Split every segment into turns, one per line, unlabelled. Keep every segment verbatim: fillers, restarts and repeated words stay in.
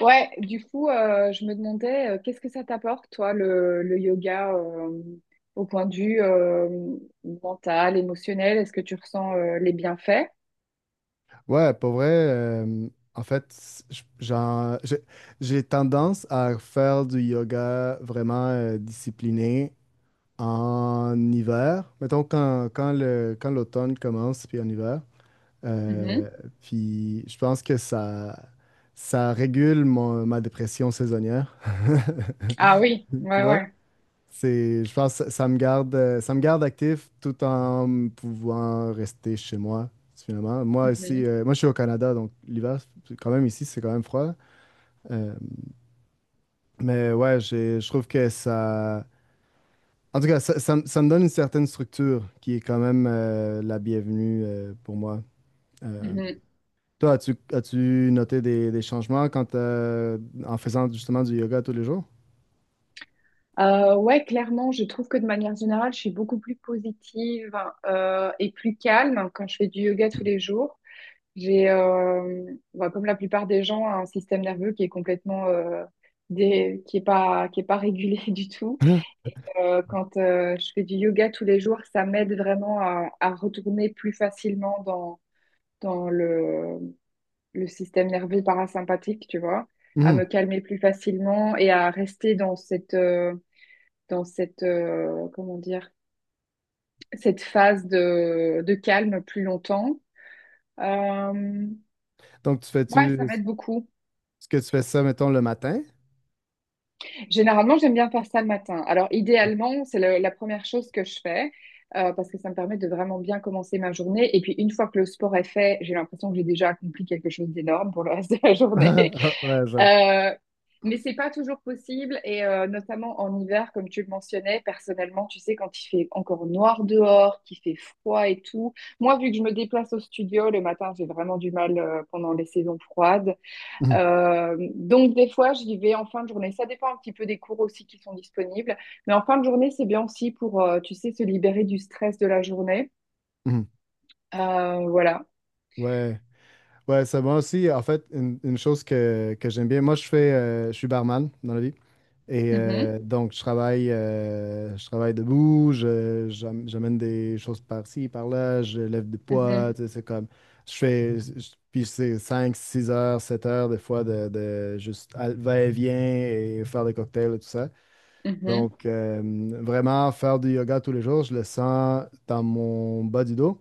Ouais, du coup, euh, je me demandais, euh, qu'est-ce que ça t'apporte, toi, le, le yoga, euh, au point de vue euh, mental, émotionnel? Est-ce que tu ressens euh, les bienfaits?
Ouais, pour vrai, euh, en fait, c- j- j'en- j'ai j'ai tendance à faire du yoga vraiment euh, discipliné en hiver. Mettons quand, quand le, quand l'automne commence, puis en hiver. Euh,
Mhm.
Puis je pense que ça, ça régule mon- ma dépression saisonnière.
Ah oui,
Tu
ouais,
vois?
ouais.
C'est, je pense que ça me garde, euh, ça me garde actif tout en pouvant rester chez moi, finalement. Moi ici,
Mhm,
euh, moi je suis au Canada, donc l'hiver, c'est quand même ici, c'est quand même froid. Euh, mais ouais, j'ai- je trouve que ça... En tout cas, ça, ça me ça me donne une certaine structure qui est quand même euh, la bienvenue euh, pour moi. Euh,
mhm.
Toi, as-tu, as-tu noté des, des changements quand, euh, en faisant justement du yoga tous les jours?
Euh, ouais, clairement, je trouve que de manière générale, je suis beaucoup plus positive euh, et plus calme quand je fais du yoga tous les jours. J'ai, euh, bah, comme la plupart des gens, un système nerveux qui est complètement, euh, dé- qui est pas, qui est pas régulé du tout. Et, euh, quand euh, je fais du yoga tous les jours, ça m'aide vraiment à, à retourner plus facilement dans, dans le, le système nerveux parasympathique, tu vois, à
Mhm.
me calmer plus facilement et à rester dans cette, euh, dans cette, euh, comment dire, cette phase de, de calme plus longtemps. Euh,
Donc, tu
ouais,
fais-tu...
ça m'aide
Est-ce
beaucoup.
que tu fais ça, mettons, le matin?
Généralement, j'aime bien faire ça le matin. Alors, idéalement, c'est le- la première chose que je fais euh, parce que ça me permet de vraiment bien commencer ma journée. Et puis, une fois que le sport est fait, j'ai l'impression que j'ai déjà accompli quelque chose d'énorme pour le reste de la journée.
Ouais, je-
Euh, mais c'est pas toujours possible et euh, notamment en hiver, comme tu le mentionnais, personnellement, tu sais, quand il fait encore noir dehors, qu'il fait froid et tout. Moi, vu que je me déplace au studio le matin, j'ai vraiment du mal euh, pendant les saisons froides.
Mhm,
Euh, donc des fois, j'y vais en fin de journée. Ça dépend un petit peu des cours aussi qui sont disponibles. Mais en fin de journée, c'est bien aussi pour, euh, tu sais, se libérer du stress de la journée.
mhm.
Euh, voilà.
Ouais, ouais, c'est moi aussi. En fait, une, une chose que, que j'aime bien, moi, je fais, euh, je suis barman dans la vie. Et
Mhm,
euh, donc, je travaille, euh, je travaille debout, je, j'am- j'amène des choses par-ci, par-là, je lève des poids,
mhm,
tu sais, c'est comme, je fais, je- puis c'est cinq six heures, sept heures des fois de, de juste à- va-et-vient et faire des cocktails et tout ça.
mhm.
Donc, euh, vraiment, faire du yoga tous les jours, je le sens dans mon bas du dos.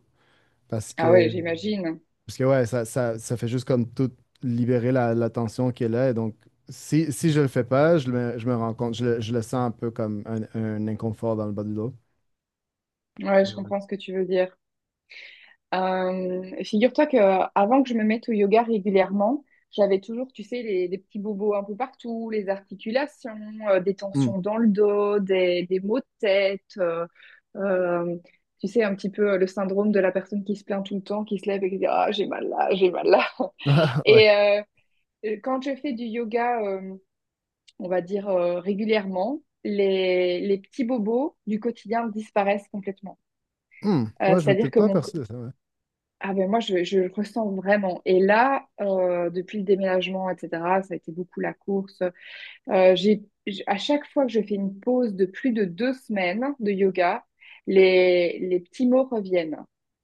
Parce
Ah ouais,
que,
j'imagine.
parce que ouais, ça, ça, ça fait juste comme tout libérer la, la tension qui est là. Et donc, si, si je le fais pas, je me, je me rends compte, je le, je le sens un peu comme un, un inconfort dans le bas du dos.
Ouais,
Ben
je
ouais.
comprends ce que tu veux dire. Euh, figure-toi que euh, avant que je me mette au yoga régulièrement, j'avais toujours, tu sais, les, des petits bobos un peu partout, les articulations, euh, des
Hmm.
tensions dans le dos, des, des maux de tête. euh, euh, tu sais, un petit peu euh, le syndrome de la personne qui se plaint tout le temps, qui se lève et qui dit Ah, j'ai mal là, j'ai mal là.
Ah, ouais.
Et euh, euh, quand je fais du yoga, euh, on va dire euh, régulièrement, les, les petits bobos du quotidien disparaissent complètement.
Hmm.
Euh,
Ouais, je m'étais
c'est-à-dire que
pas
mon,
aperçu de ça. Ouais.
ah ben moi, je, je le ressens vraiment. Et là, euh, depuis le déménagement, et cetera, ça a été beaucoup la course. Euh, j'ai, j'- à chaque fois que je fais une pause de plus de deux semaines de yoga, les, les petits mots reviennent.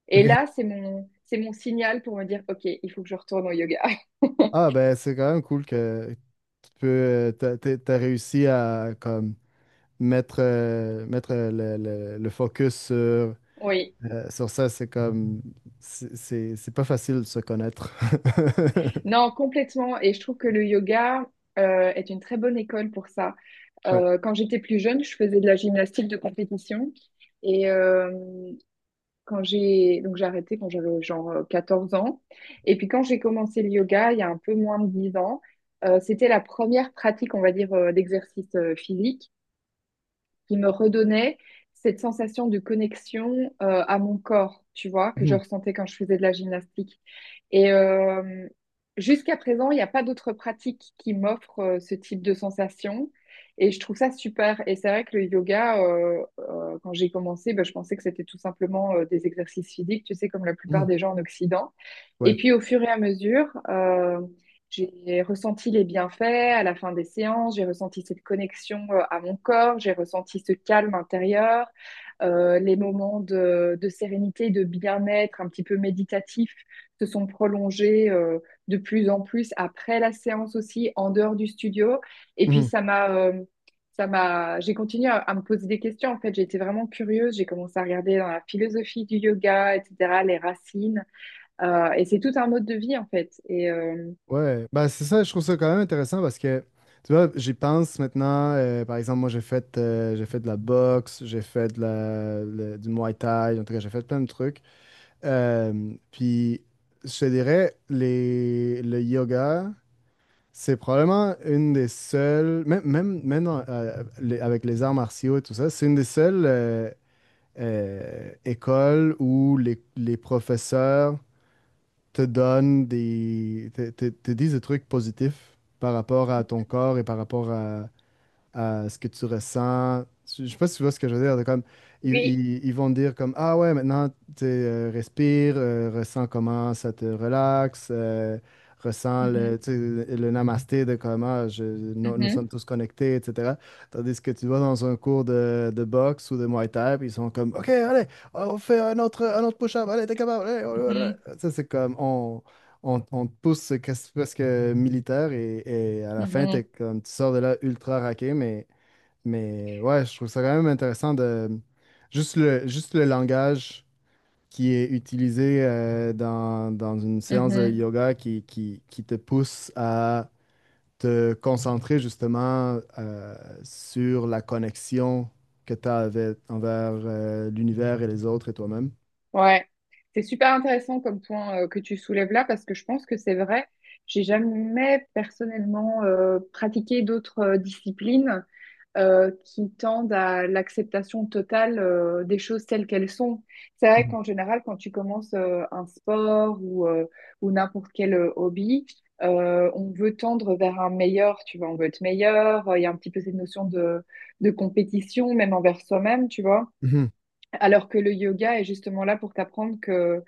Et
Ok.
là, c'est mon, c'est mon signal pour me dire, OK, il faut que je retourne au yoga.
Ah, ben, c'est quand même cool que tu peux, euh, t'as, t'as- t'as réussi à comme mettre, euh, mettre euh, le, le- le focus sur, euh,
Oui,
sur ça. C'est comme, c'est c'est- c'est pas facile de se connaître.
non, complètement. Et je trouve que le yoga euh, est une très bonne école pour ça.
Ouais.
Euh, quand j'étais plus jeune, je faisais de la gymnastique de compétition. Et, euh, quand j'ai donc j'ai arrêté quand j'avais genre euh, quatorze ans et puis quand j'ai commencé le yoga il y a un peu moins de dix ans euh, c'était la première pratique on va dire euh, d'exercice euh, physique qui me redonnait cette sensation de connexion euh, à mon corps, tu vois, que je
Hmm.
ressentais quand je faisais de la gymnastique. Et euh, jusqu'à présent, il n'y a pas d'autres pratiques qui m'offrent euh, ce type de sensation. Et je trouve ça super. Et c'est vrai que le yoga, euh, euh, quand j'ai commencé, ben, je pensais que c'était tout simplement euh, des exercices physiques, tu sais, comme la plupart
Mhm.
des gens en Occident. Et
Ouais.
puis au fur et à mesure, euh, j'ai ressenti les bienfaits à la fin des séances, j'ai ressenti cette connexion euh, à mon corps, j'ai ressenti ce calme intérieur, euh, les moments de, de sérénité, de bien-être un petit peu méditatif se sont prolongés euh, de plus en plus après la séance aussi, en dehors du studio. Et puis
Mhm.
ça m'a, euh, ça m'a, j'ai continué à, à me poser des questions. En fait, j'ai été vraiment curieuse, j'ai commencé à regarder dans la philosophie du yoga, et cetera, les racines. Euh, et c'est tout un mode de vie en fait. Et euh,
Ouais. Ben, c'est ça, je trouve ça quand même intéressant parce que, tu vois, j'y pense maintenant. Euh, par exemple, moi, j'ai fait, euh, j'ai fait de la boxe, j'ai fait de la, le- du Muay Thai, en tout cas, j'ai fait plein de trucs. Euh, puis, je te dirais, les, le yoga, c'est probablement une des seules, même, même, même dans- euh, les- avec les arts martiaux et tout ça, c'est une des seules euh, euh, écoles où les, les professeurs te donnent des, te, te- te disent des trucs positifs par rapport à ton corps et par rapport à, à ce que tu ressens. Je sais pas si tu vois ce que je veux dire. De Comme, ils,
Oui,
ils- ils vont te dire comme, ah ouais, maintenant, tu sais, euh, respire, euh, ressens comment ça te relaxe, euh, ressens le,
Mhm,
tu sais, le namasté de comment je, nous, nous
mhm,
sommes tous connectés, et cætera. Tandis que tu vas dans un cours de, de boxe ou de Muay Thai, puis ils sont comme, OK, allez, on fait un autre, un autre push-up, allez, t'es capable, allez, allez,
mhm,
allez. Ça, c'est comme, on, on, on te pousse, c'est presque militaire et, et à la fin, t'es
mhm,
comme, tu sors de là ultra raqué, mais, mais ouais, je trouve ça quand même intéressant de juste le, juste le langage qui est utilisé euh, dans, dans une séance de
mhm.
yoga qui, qui, qui te pousse à te concentrer justement euh, sur la connexion que tu as envers euh, l'univers et les autres et toi-même.
Ouais, c'est super intéressant comme point euh, que tu soulèves là parce que je pense que c'est vrai. J'ai jamais personnellement euh, pratiqué d'autres euh, disciplines. euh, qui tendent à l'acceptation totale euh, des choses telles qu'elles sont. C'est vrai qu'en général, quand tu commences euh, un sport ou, euh, ou n'importe quel euh, hobby, euh, on veut tendre vers un meilleur, tu vois, on veut être meilleur, euh, il y a un petit peu cette notion de, de compétition, même envers soi-même, tu vois.
Mhm.
Alors que le yoga est justement là pour t'apprendre que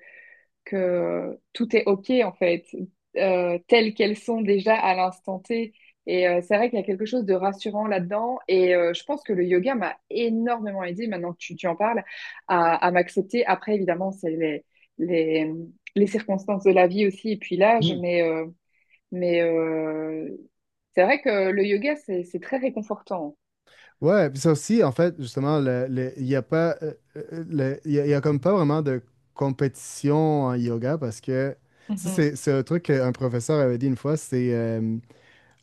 que tout est OK, en fait, euh, telles qu'elles sont déjà à l'instant T. Et euh, c'est vrai qu'il y a quelque chose de rassurant là-dedans. Et euh, je pense que le yoga m'a énormément aidé, maintenant que tu, tu en parles, à, à m'accepter. Après, évidemment, c'est les, les, les circonstances de la vie aussi, et puis l'âge.
Mhm.
Mais, euh, mais euh, c'est vrai que le yoga, c'est, c'est très réconfortant.
Ouais, puis ça aussi, en fait, justement, le, le- il y a pas, euh, euh, le- il y a, il y a comme pas vraiment de compétition en yoga parce que ça,
Mhm,
c'est c'est un truc qu'un professeur avait dit une fois, c'est euh,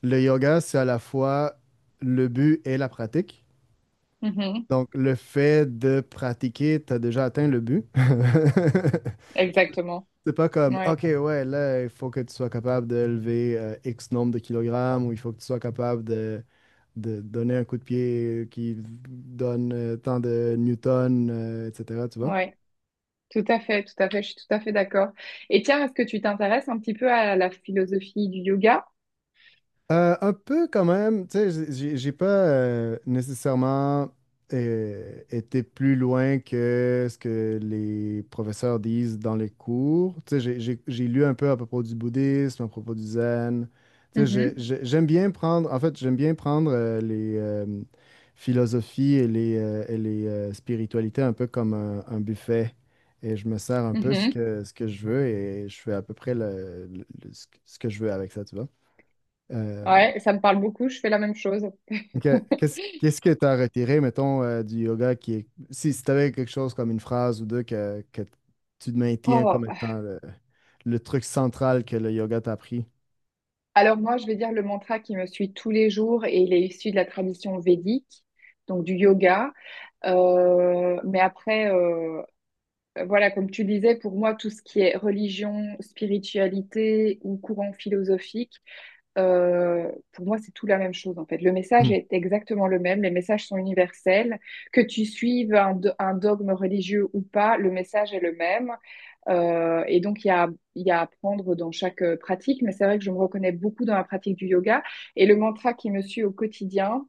le yoga, c'est à la fois le but et la pratique.
mhm,
Donc, le fait de pratiquer, tu as déjà atteint le but.
exactement.
C'est pas comme,
Ouais,
OK, ouais, là, il faut que tu sois capable de lever euh, X nombre de kilogrammes ou il faut que tu sois capable de de donner un coup de pied qui donne euh, tant de newtons, euh, et cætera. Tu vois?
ouais. Tout à fait, tout à fait, je suis tout à fait d'accord. Et tiens, est-ce que tu t'intéresses un petit peu à la philosophie du yoga?
Euh, un peu quand même, tu sais, j'ai j'ai- j'ai pas euh, nécessairement euh, été plus loin que ce que les professeurs disent dans les cours. Tu sais, j'ai j'ai- j'ai lu un peu à propos du bouddhisme, à propos du zen. Tu sais, j'ai-
Mhm,
j'ai- j'aime bien prendre, en fait, j'aime bien prendre euh, les euh, philosophies et les, euh, et les euh, spiritualités un peu comme un, un buffet. Et je me sers un peu ce
mhm.
que, ce que je veux et je fais à peu près le, le- le- ce que ce que je veux avec ça, tu vois. Euh,
Ouais, ça me parle beaucoup, je fais la même chose.
Ok. Qu'est-ce qu'est-ce que tu as retiré, mettons, euh, du yoga qui est. Si, si tu avais quelque chose comme une phrase ou deux que, que tu maintiens
Oh,
comme étant le, le truc central que le yoga t'a appris.
alors moi, je vais dire le mantra qui me suit tous les jours et il est issu de la tradition védique, donc du yoga. Euh, mais après, euh, euh, voilà, comme tu disais, pour moi, tout ce qui est religion, spiritualité ou courant philosophique, euh, pour moi, c'est tout la même chose en fait. Le message
Mhm.
est exactement le même, les messages sont universels. Que tu suives un, do- un dogme religieux ou pas, le message est le même. Euh, et donc, il y a, il y a à apprendre dans chaque euh, pratique, mais c'est vrai que je me reconnais beaucoup dans la pratique du yoga. Et le mantra qui me suit au quotidien,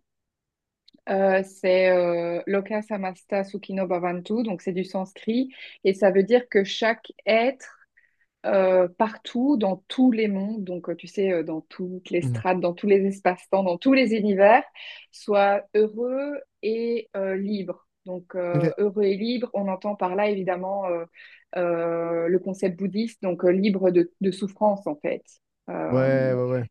euh, c'est euh, Loka Samasta Sukhino Bhavantu, donc c'est du sanskrit, et ça veut dire que chaque être euh, partout, dans tous les mondes, donc euh, tu sais, euh, dans toutes les
Mhm.
strates, dans tous les espaces-temps, dans tous les univers, soit heureux et euh, libre. Donc
Ok.
euh, heureux et libre, on entend par là évidemment euh, euh, le concept bouddhiste, donc euh, libre de, de souffrance en fait. Euh,
Ouais, ouais, ouais.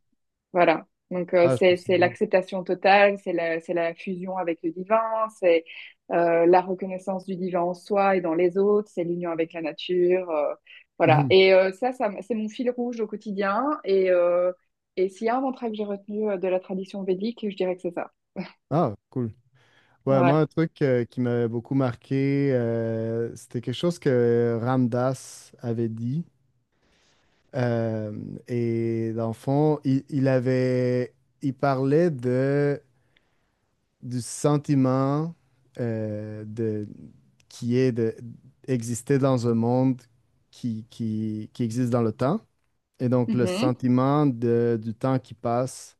voilà. Donc, euh,
Ah, je trouve
c'est,
ça
c'est
bon.
l'acceptation totale, c'est la, c'est la fusion avec le divin, c'est euh, la reconnaissance du divin en soi et dans les autres, c'est l'union avec la nature. euh, voilà.
Mhm.
Et euh, ça, ça, m- c'est mon fil rouge au quotidien. Et, euh, et s'il y a un mantra que j'ai retenu euh, de la tradition védique, je dirais que c'est ça.
Ah, cool. Ouais, moi,
Ouais.
un truc euh, qui m'avait beaucoup marqué, euh, c'était quelque chose que Ramdas avait dit. Euh, et dans le fond, il, il avait. Il parlait de. Du sentiment euh, de, qui est de- d'exister dans un monde qui, qui, qui existe dans le temps. Et donc, le
Mhm,
sentiment de- du temps qui passe,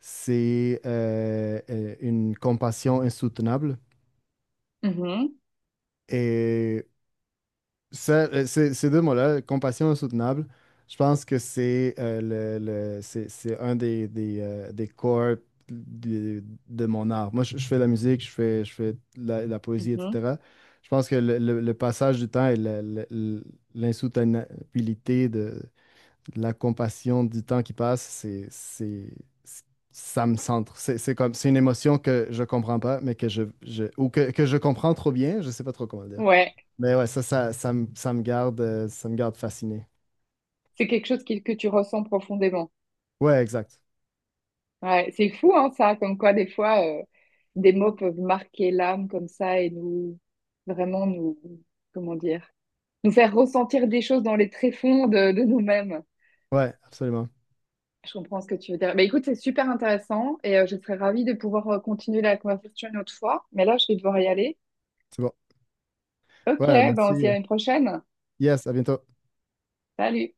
c'est euh, euh, une compassion insoutenable.
mhm,
Et ça, euh, ces, ces deux mots-là, compassion insoutenable, je pense que c'est euh, le, le- c'est, c'est un des, des, euh, des corps de, de mon art. Moi, je, je fais de la musique, je fais, je fais de la, de la poésie,
mhm.
et cætera. Je pense que le, le- le passage du temps et le- le- le- l'insoutenabilité de, de la compassion du temps qui passe, c'est, c'est, c'est- ça me centre. C'est c'est comme, c'est une émotion que je comprends pas, mais que je, je- ou que, que je comprends trop bien, je sais pas trop comment le dire.
Ouais.
Mais ouais, ça, ça, ça, me ça me garde, euh, ça me garde fasciné.
C'est quelque chose qui- que tu ressens profondément.
Ouais, exact.
Ouais, c'est fou, hein, ça, comme quoi des fois, euh, des mots peuvent marquer l'âme comme ça et nous, vraiment nous, comment dire, nous faire ressentir des choses dans les tréfonds de, de nous-mêmes.
Ouais, absolument.
Je comprends ce que tu veux dire. Bah, écoute, c'est super intéressant et euh, je serais ravie de pouvoir euh, continuer la conversation une autre fois. Mais là, je vais devoir y aller.
C'est bon.
Ok,
Ouais,
ben on se
merci.
dit à une prochaine.
Yes, à bientôt.
Salut!